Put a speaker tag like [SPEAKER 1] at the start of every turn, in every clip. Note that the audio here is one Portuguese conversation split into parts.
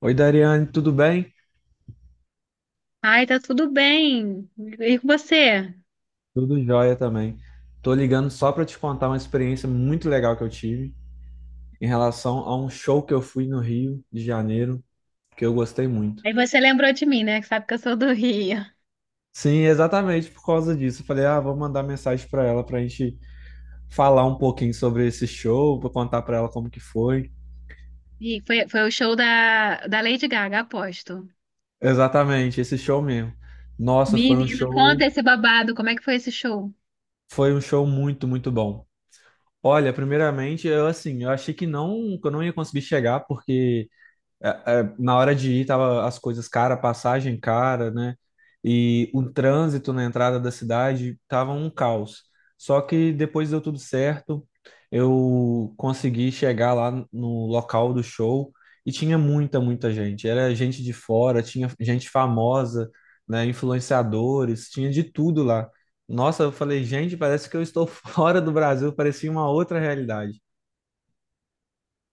[SPEAKER 1] Oi, Dariane, tudo bem?
[SPEAKER 2] Ai, tá tudo bem. E com você?
[SPEAKER 1] Tudo jóia também. Tô ligando só para te contar uma experiência muito legal que eu tive em relação a um show que eu fui no Rio de Janeiro, que eu gostei muito.
[SPEAKER 2] Aí você lembrou de mim, né? Que sabe que eu sou do Rio.
[SPEAKER 1] Sim, exatamente por causa disso. Eu falei, ah, vou mandar mensagem para ela para a gente falar um pouquinho sobre esse show, para contar para ela como que foi.
[SPEAKER 2] E foi, foi o show da, da Lady Gaga, aposto.
[SPEAKER 1] Exatamente, esse show mesmo. Nossa,
[SPEAKER 2] Menino, conta esse babado. Como é que foi esse show?
[SPEAKER 1] foi um show muito, muito bom. Olha, primeiramente, eu assim, eu achei que não, que eu não ia conseguir chegar porque é, na hora de ir, tava as coisas cara, passagem cara, né? E o trânsito na entrada da cidade tava um caos. Só que depois deu tudo certo, eu consegui chegar lá no local do show e tinha muita, muita gente. Era gente de fora, tinha gente famosa, né? Influenciadores, tinha de tudo lá. Nossa, eu falei, gente, parece que eu estou fora do Brasil, parecia uma outra realidade.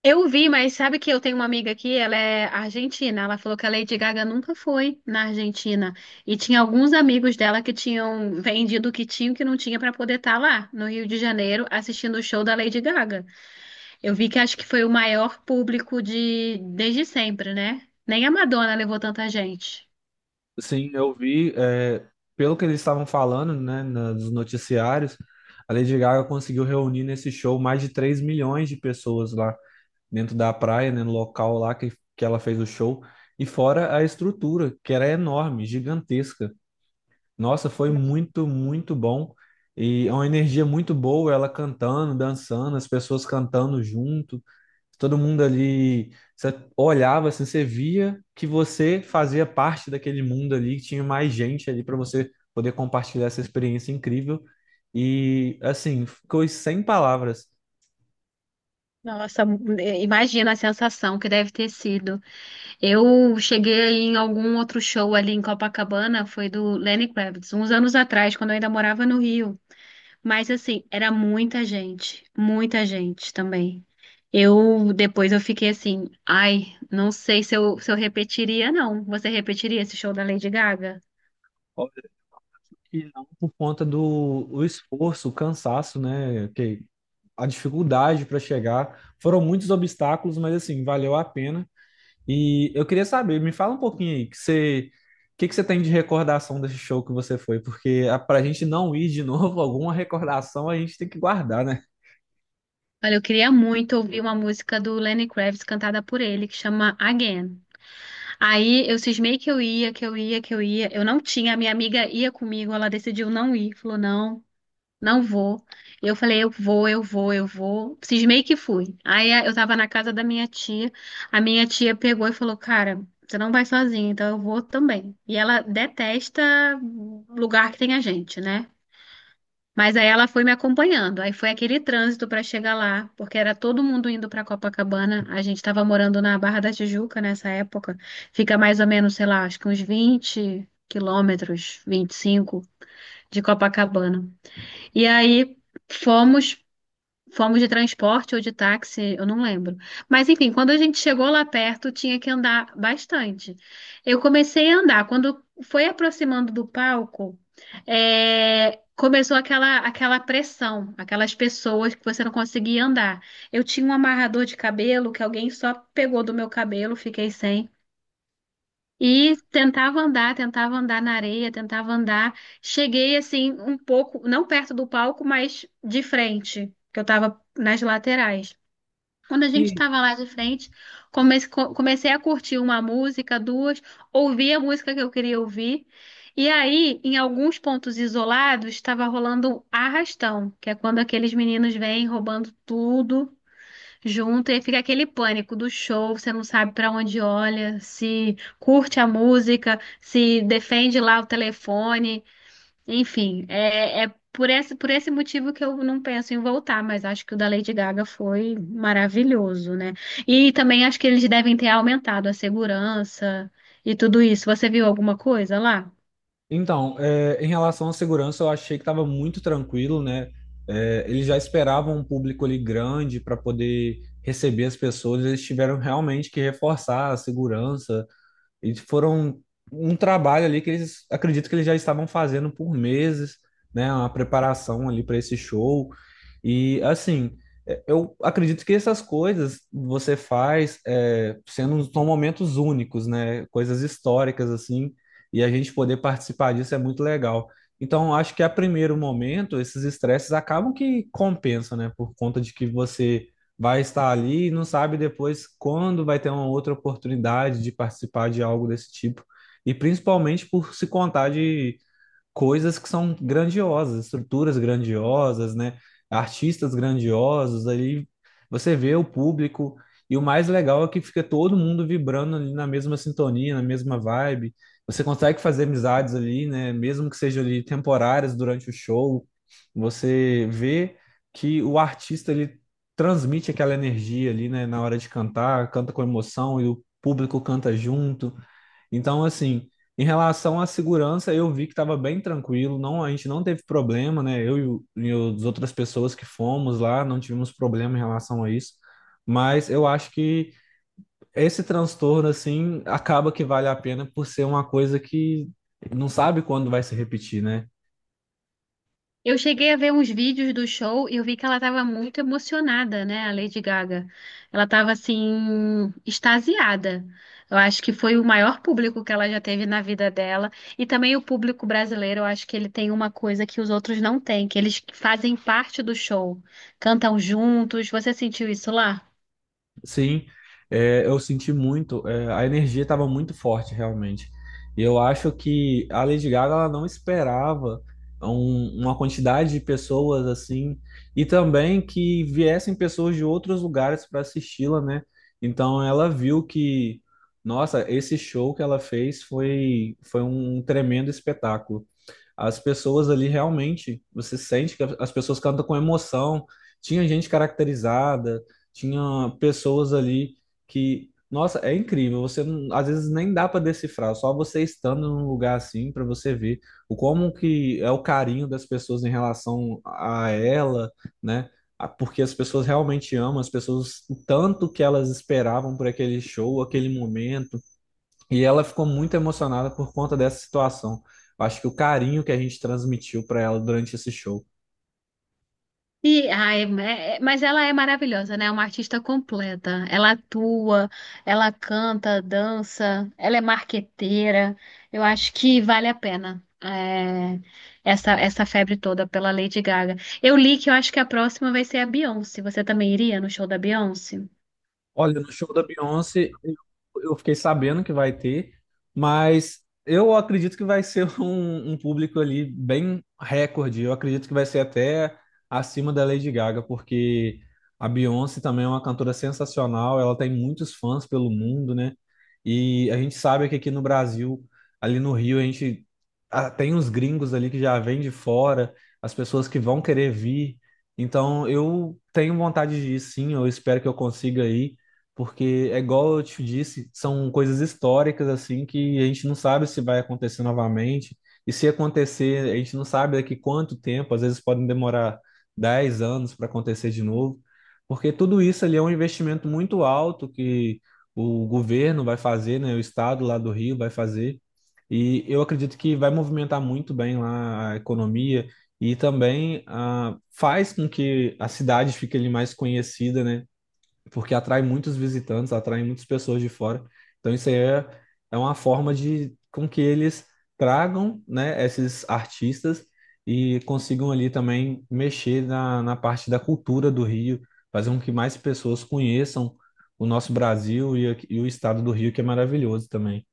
[SPEAKER 2] Eu vi, mas sabe que eu tenho uma amiga aqui, ela é argentina. Ela falou que a Lady Gaga nunca foi na Argentina. E tinha alguns amigos dela que tinham vendido o que tinham e o que não tinha pra poder estar lá no Rio de Janeiro assistindo o show da Lady Gaga. Eu vi que acho que foi o maior público de desde sempre, né? Nem a Madonna levou tanta gente.
[SPEAKER 1] Sim, eu vi, pelo que eles estavam falando, né, nos noticiários, a Lady Gaga conseguiu reunir nesse show mais de 3 milhões de pessoas lá dentro da praia, né, no local lá que ela fez o show, e fora a estrutura, que era enorme, gigantesca. Nossa, foi muito, muito bom. E é uma energia muito boa, ela cantando, dançando, as pessoas cantando junto, todo mundo ali. Você olhava assim, você via que você fazia parte daquele mundo ali, que tinha mais gente ali para você poder compartilhar essa experiência incrível. E assim, ficou sem palavras.
[SPEAKER 2] Nossa, imagina a sensação que deve ter sido. Eu cheguei em algum outro show ali em Copacabana, foi do Lenny Kravitz, uns anos atrás, quando eu ainda morava no Rio. Mas assim, era muita gente também. Eu depois eu fiquei assim, ai, não sei se eu repetiria, não. Você repetiria esse show da Lady Gaga?
[SPEAKER 1] Óbvio que não por conta do o esforço, o cansaço, né? Que a dificuldade para chegar. Foram muitos obstáculos, mas assim, valeu a pena. E eu queria saber, me fala um pouquinho aí, que você, o que que você tem de recordação desse show que você foi? Porque a, pra gente não ir de novo, alguma recordação a gente tem que guardar, né?
[SPEAKER 2] Olha, eu queria muito ouvir uma música do Lenny Kravitz cantada por ele, que chama Again. Aí eu cismei que eu ia, que eu ia, que eu ia. Eu não tinha, a minha amiga ia comigo, ela decidiu não ir, falou não, não vou. E eu falei, eu vou. Cismei que fui. Eu tava na casa da minha tia, a minha tia pegou e falou, cara, você não vai sozinha, então eu vou também. E ela detesta lugar que tem a gente, né? Mas aí ela foi me acompanhando. Aí foi aquele trânsito para chegar lá, porque era todo mundo indo para Copacabana. A gente estava morando na Barra da Tijuca nessa época. Fica mais ou menos, sei lá, acho que uns 20 quilômetros, 25 de Copacabana. E aí fomos Fomos de transporte ou de táxi, eu não lembro. Mas enfim, quando a gente chegou lá perto, tinha que andar bastante. Eu comecei a andar. Quando foi aproximando do palco, começou aquela pressão, aquelas pessoas que você não conseguia andar. Eu tinha um amarrador de cabelo que alguém só pegou do meu cabelo, fiquei sem. E tentava andar na areia, tentava andar. Cheguei assim um pouco, não perto do palco, mas de frente, que eu tava nas laterais. Quando a gente
[SPEAKER 1] E,
[SPEAKER 2] estava lá de frente, comecei a curtir uma música, duas, ouvi a música que eu queria ouvir. E aí, em alguns pontos isolados, estava rolando um arrastão, que é quando aqueles meninos vêm roubando tudo junto e fica aquele pânico do show, você não sabe para onde olha, se curte a música, se defende lá o telefone, enfim, é por esse motivo que eu não penso em voltar, mas acho que o da Lady Gaga foi maravilhoso, né? E também acho que eles devem ter aumentado a segurança e tudo isso. Você viu alguma coisa lá?
[SPEAKER 1] então, em relação à segurança, eu achei que estava muito tranquilo, né? É, eles já esperavam um público ali grande para poder receber as pessoas, eles tiveram realmente que reforçar a segurança. E foram um trabalho ali que eles acredito que eles já estavam fazendo por meses, né? Uma preparação ali para esse show. E assim, eu acredito que essas coisas você faz sendo são momentos únicos, né? Coisas históricas assim, e a gente poder participar disso é muito legal. Então, eu acho que a primeiro momento, esses estresses acabam que compensam, né? Por conta de que você vai estar ali e não sabe depois quando vai ter uma outra oportunidade de participar de algo desse tipo. E principalmente por se contar de coisas que são grandiosas, estruturas grandiosas, né? Artistas grandiosos, ali você vê o público e o mais legal é que fica todo mundo vibrando ali na mesma sintonia, na mesma vibe. Você consegue fazer amizades ali, né? Mesmo que sejam ali temporárias durante o show, você vê que o artista ele transmite aquela energia ali, né? Na hora de cantar, canta com emoção e o público canta junto. Então, assim, em relação à segurança, eu vi que estava bem tranquilo, não, a gente não teve problema, né? E as outras pessoas que fomos lá não tivemos problema em relação a isso. Mas eu acho que esse transtorno, assim, acaba que vale a pena por ser uma coisa que não sabe quando vai se repetir, né?
[SPEAKER 2] Eu cheguei a ver uns vídeos do show e eu vi que ela estava muito emocionada, né, a Lady Gaga. Ela estava assim extasiada. Eu acho que foi o maior público que ela já teve na vida dela e também o público brasileiro, eu acho que ele tem uma coisa que os outros não têm, que eles fazem parte do show, cantam juntos. Você sentiu isso lá?
[SPEAKER 1] Sim, eu senti muito, a energia estava muito forte realmente. E eu acho que a Lady Gaga ela não esperava uma quantidade de pessoas assim, e também que viessem pessoas de outros lugares para assisti-la, né? Então ela viu que, nossa, esse show que ela fez foi um tremendo espetáculo. As pessoas ali realmente, você sente que as pessoas cantam com emoção. Tinha gente caracterizada, tinha pessoas ali que, nossa, é incrível. Você não- Às vezes nem dá para decifrar, só você estando num lugar assim para você ver o como que é o carinho das pessoas em relação a ela, né? Porque as pessoas realmente amam, as pessoas, o tanto que elas esperavam por aquele show, aquele momento e ela ficou muito emocionada por conta dessa situação. Eu acho que o carinho que a gente transmitiu para ela durante esse show.
[SPEAKER 2] E, ai, mas ela é maravilhosa, né? É uma artista completa. Ela atua, ela canta, dança, ela é marqueteira. Eu acho que vale a pena essa, essa febre toda pela Lady Gaga. Eu li que eu acho que a próxima vai ser a Beyoncé. Você também iria no show da Beyoncé?
[SPEAKER 1] Olha, no show da Beyoncé, eu fiquei sabendo que vai ter, mas eu acredito que vai ser um público ali bem recorde. Eu acredito que vai ser até acima da Lady Gaga, porque a Beyoncé também é uma cantora sensacional, ela tem muitos fãs pelo mundo, né? E a gente sabe que aqui no Brasil, ali no Rio, a gente ah, tem uns gringos ali que já vêm de fora, as pessoas que vão querer vir. Então, eu tenho vontade de ir sim, eu espero que eu consiga ir porque é igual eu te disse, são coisas históricas assim que a gente não sabe se vai acontecer novamente. E se acontecer, a gente não sabe daqui quanto tempo, às vezes podem demorar 10 anos para acontecer de novo, porque tudo isso ali é um investimento muito alto que o governo vai fazer, né, o estado lá do Rio vai fazer. E eu acredito que vai movimentar muito bem lá a economia e também ah, faz com que a cidade fique ali mais conhecida, né? Porque atrai muitos visitantes, atrai muitas pessoas de fora. Então, isso aí é uma forma de com que eles tragam, né, esses artistas e consigam ali também mexer na parte da cultura do Rio, fazer com que mais pessoas conheçam o nosso Brasil e o estado do Rio, que é maravilhoso também.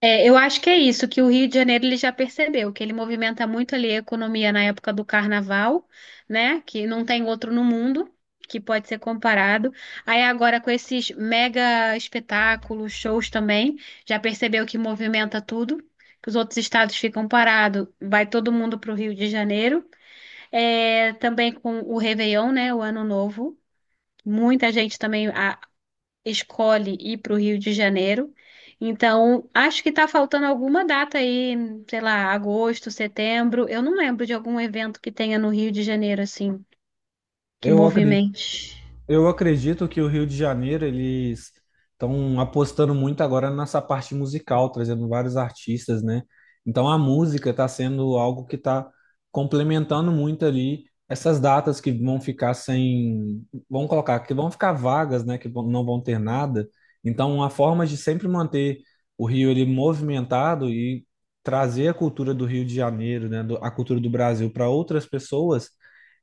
[SPEAKER 2] É, eu acho que é isso, que o Rio de Janeiro ele já percebeu, que ele movimenta muito ali a economia na época do carnaval, né? Que não tem outro no mundo que pode ser comparado. Aí agora com esses mega espetáculos, shows também, já percebeu que movimenta tudo, que os outros estados ficam parados, vai todo mundo para o Rio de Janeiro. É, também com o Réveillon, né? O Ano Novo. Muita gente também escolhe ir para o Rio de Janeiro. Então, acho que está faltando alguma data aí, sei lá, agosto, setembro. Eu não lembro de algum evento que tenha no Rio de Janeiro, assim, que
[SPEAKER 1] Eu acredito
[SPEAKER 2] movimente.
[SPEAKER 1] Eu acredito que o Rio de Janeiro, eles estão apostando muito agora nessa parte musical, trazendo vários artistas, né? Então a música está sendo algo que está complementando muito ali essas datas que vão ficar sem, vamos colocar, que vão ficar vagas, né? Não vão ter nada. Então a forma de sempre manter o Rio ele movimentado e trazer a cultura do Rio de Janeiro, né? A cultura do Brasil para outras pessoas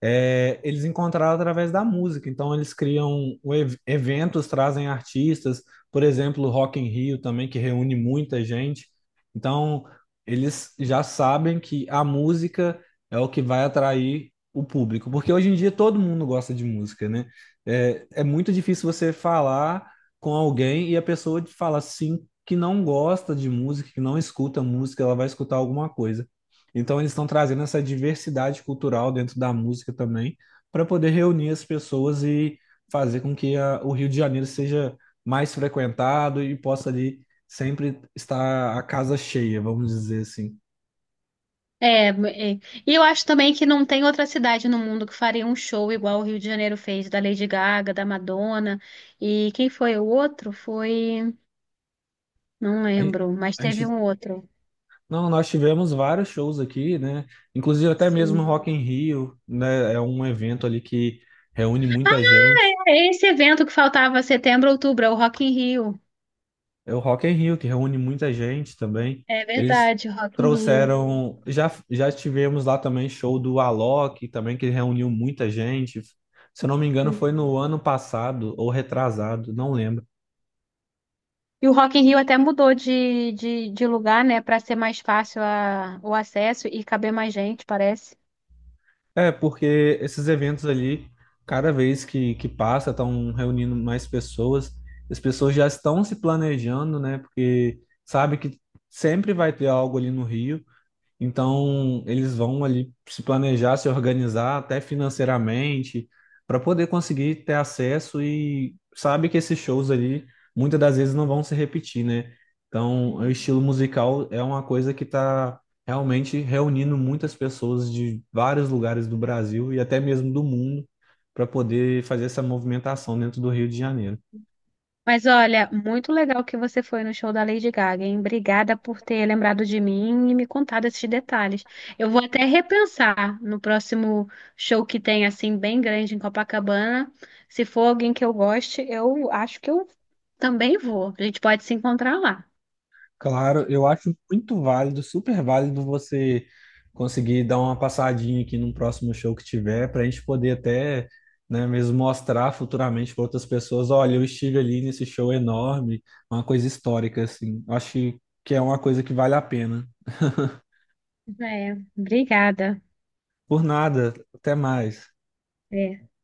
[SPEAKER 1] eles encontraram através da música. Então, eles criam eventos, trazem artistas, por exemplo, Rock in Rio também, que reúne muita gente. Então, eles já sabem que a música é o que vai atrair o público, porque hoje em dia todo mundo gosta de música, né? É, é muito difícil você falar com alguém e a pessoa te fala sim que não gosta de música, que não escuta música, ela vai escutar alguma coisa. Então eles estão trazendo essa diversidade cultural dentro da música também, para poder reunir as pessoas e fazer com o Rio de Janeiro seja mais frequentado e possa ali sempre estar a casa cheia, vamos dizer assim.
[SPEAKER 2] É, é. E eu acho também que não tem outra cidade no mundo que faria um show igual o Rio de Janeiro fez, da Lady Gaga, da Madonna. E quem foi o outro? Foi. Não
[SPEAKER 1] A gente,
[SPEAKER 2] lembro, mas
[SPEAKER 1] a
[SPEAKER 2] teve um
[SPEAKER 1] gente-
[SPEAKER 2] outro.
[SPEAKER 1] não, nós tivemos vários shows aqui, né? Inclusive até mesmo
[SPEAKER 2] Sim.
[SPEAKER 1] Rock in Rio, né? É um evento ali que reúne muita gente.
[SPEAKER 2] É esse evento que faltava setembro, outubro, é o Rock in Rio.
[SPEAKER 1] É o Rock in Rio, que reúne muita gente também.
[SPEAKER 2] É
[SPEAKER 1] Eles
[SPEAKER 2] verdade, Rock in Rio.
[SPEAKER 1] trouxeram. Já tivemos lá também show do Alok, também, que reuniu muita gente. Se eu não me engano, foi
[SPEAKER 2] Uhum.
[SPEAKER 1] no ano passado ou retrasado, não lembro.
[SPEAKER 2] E o Rock in Rio até mudou de lugar, né, para ser mais fácil o acesso e caber mais gente, parece.
[SPEAKER 1] É, porque esses eventos ali, cada vez que passa, estão reunindo mais pessoas. As pessoas já estão se planejando, né? Porque sabe que sempre vai ter algo ali no Rio. Então, eles vão ali se planejar, se organizar até financeiramente para poder conseguir ter acesso e sabe que esses shows ali muitas das vezes não vão se repetir, né? Então, o
[SPEAKER 2] Uhum.
[SPEAKER 1] estilo musical é uma coisa que está realmente reunindo muitas pessoas de vários lugares do Brasil e até mesmo do mundo para poder fazer essa movimentação dentro do Rio de Janeiro.
[SPEAKER 2] Mas olha, muito legal que você foi no show da Lady Gaga, hein? Obrigada por ter lembrado de mim e me contado esses detalhes. Eu vou até repensar no próximo show que tem, assim, bem grande em Copacabana. Se for alguém que eu goste, eu acho que eu também vou. A gente pode se encontrar lá.
[SPEAKER 1] Claro, eu acho muito válido, super válido você conseguir dar uma passadinha aqui num próximo show que tiver, para a gente poder até, né, mesmo mostrar futuramente para outras pessoas, olha, eu estive ali nesse show enorme, uma coisa histórica, assim. Acho que é uma coisa que vale a pena.
[SPEAKER 2] É, obrigada.
[SPEAKER 1] Por nada, até mais.
[SPEAKER 2] É.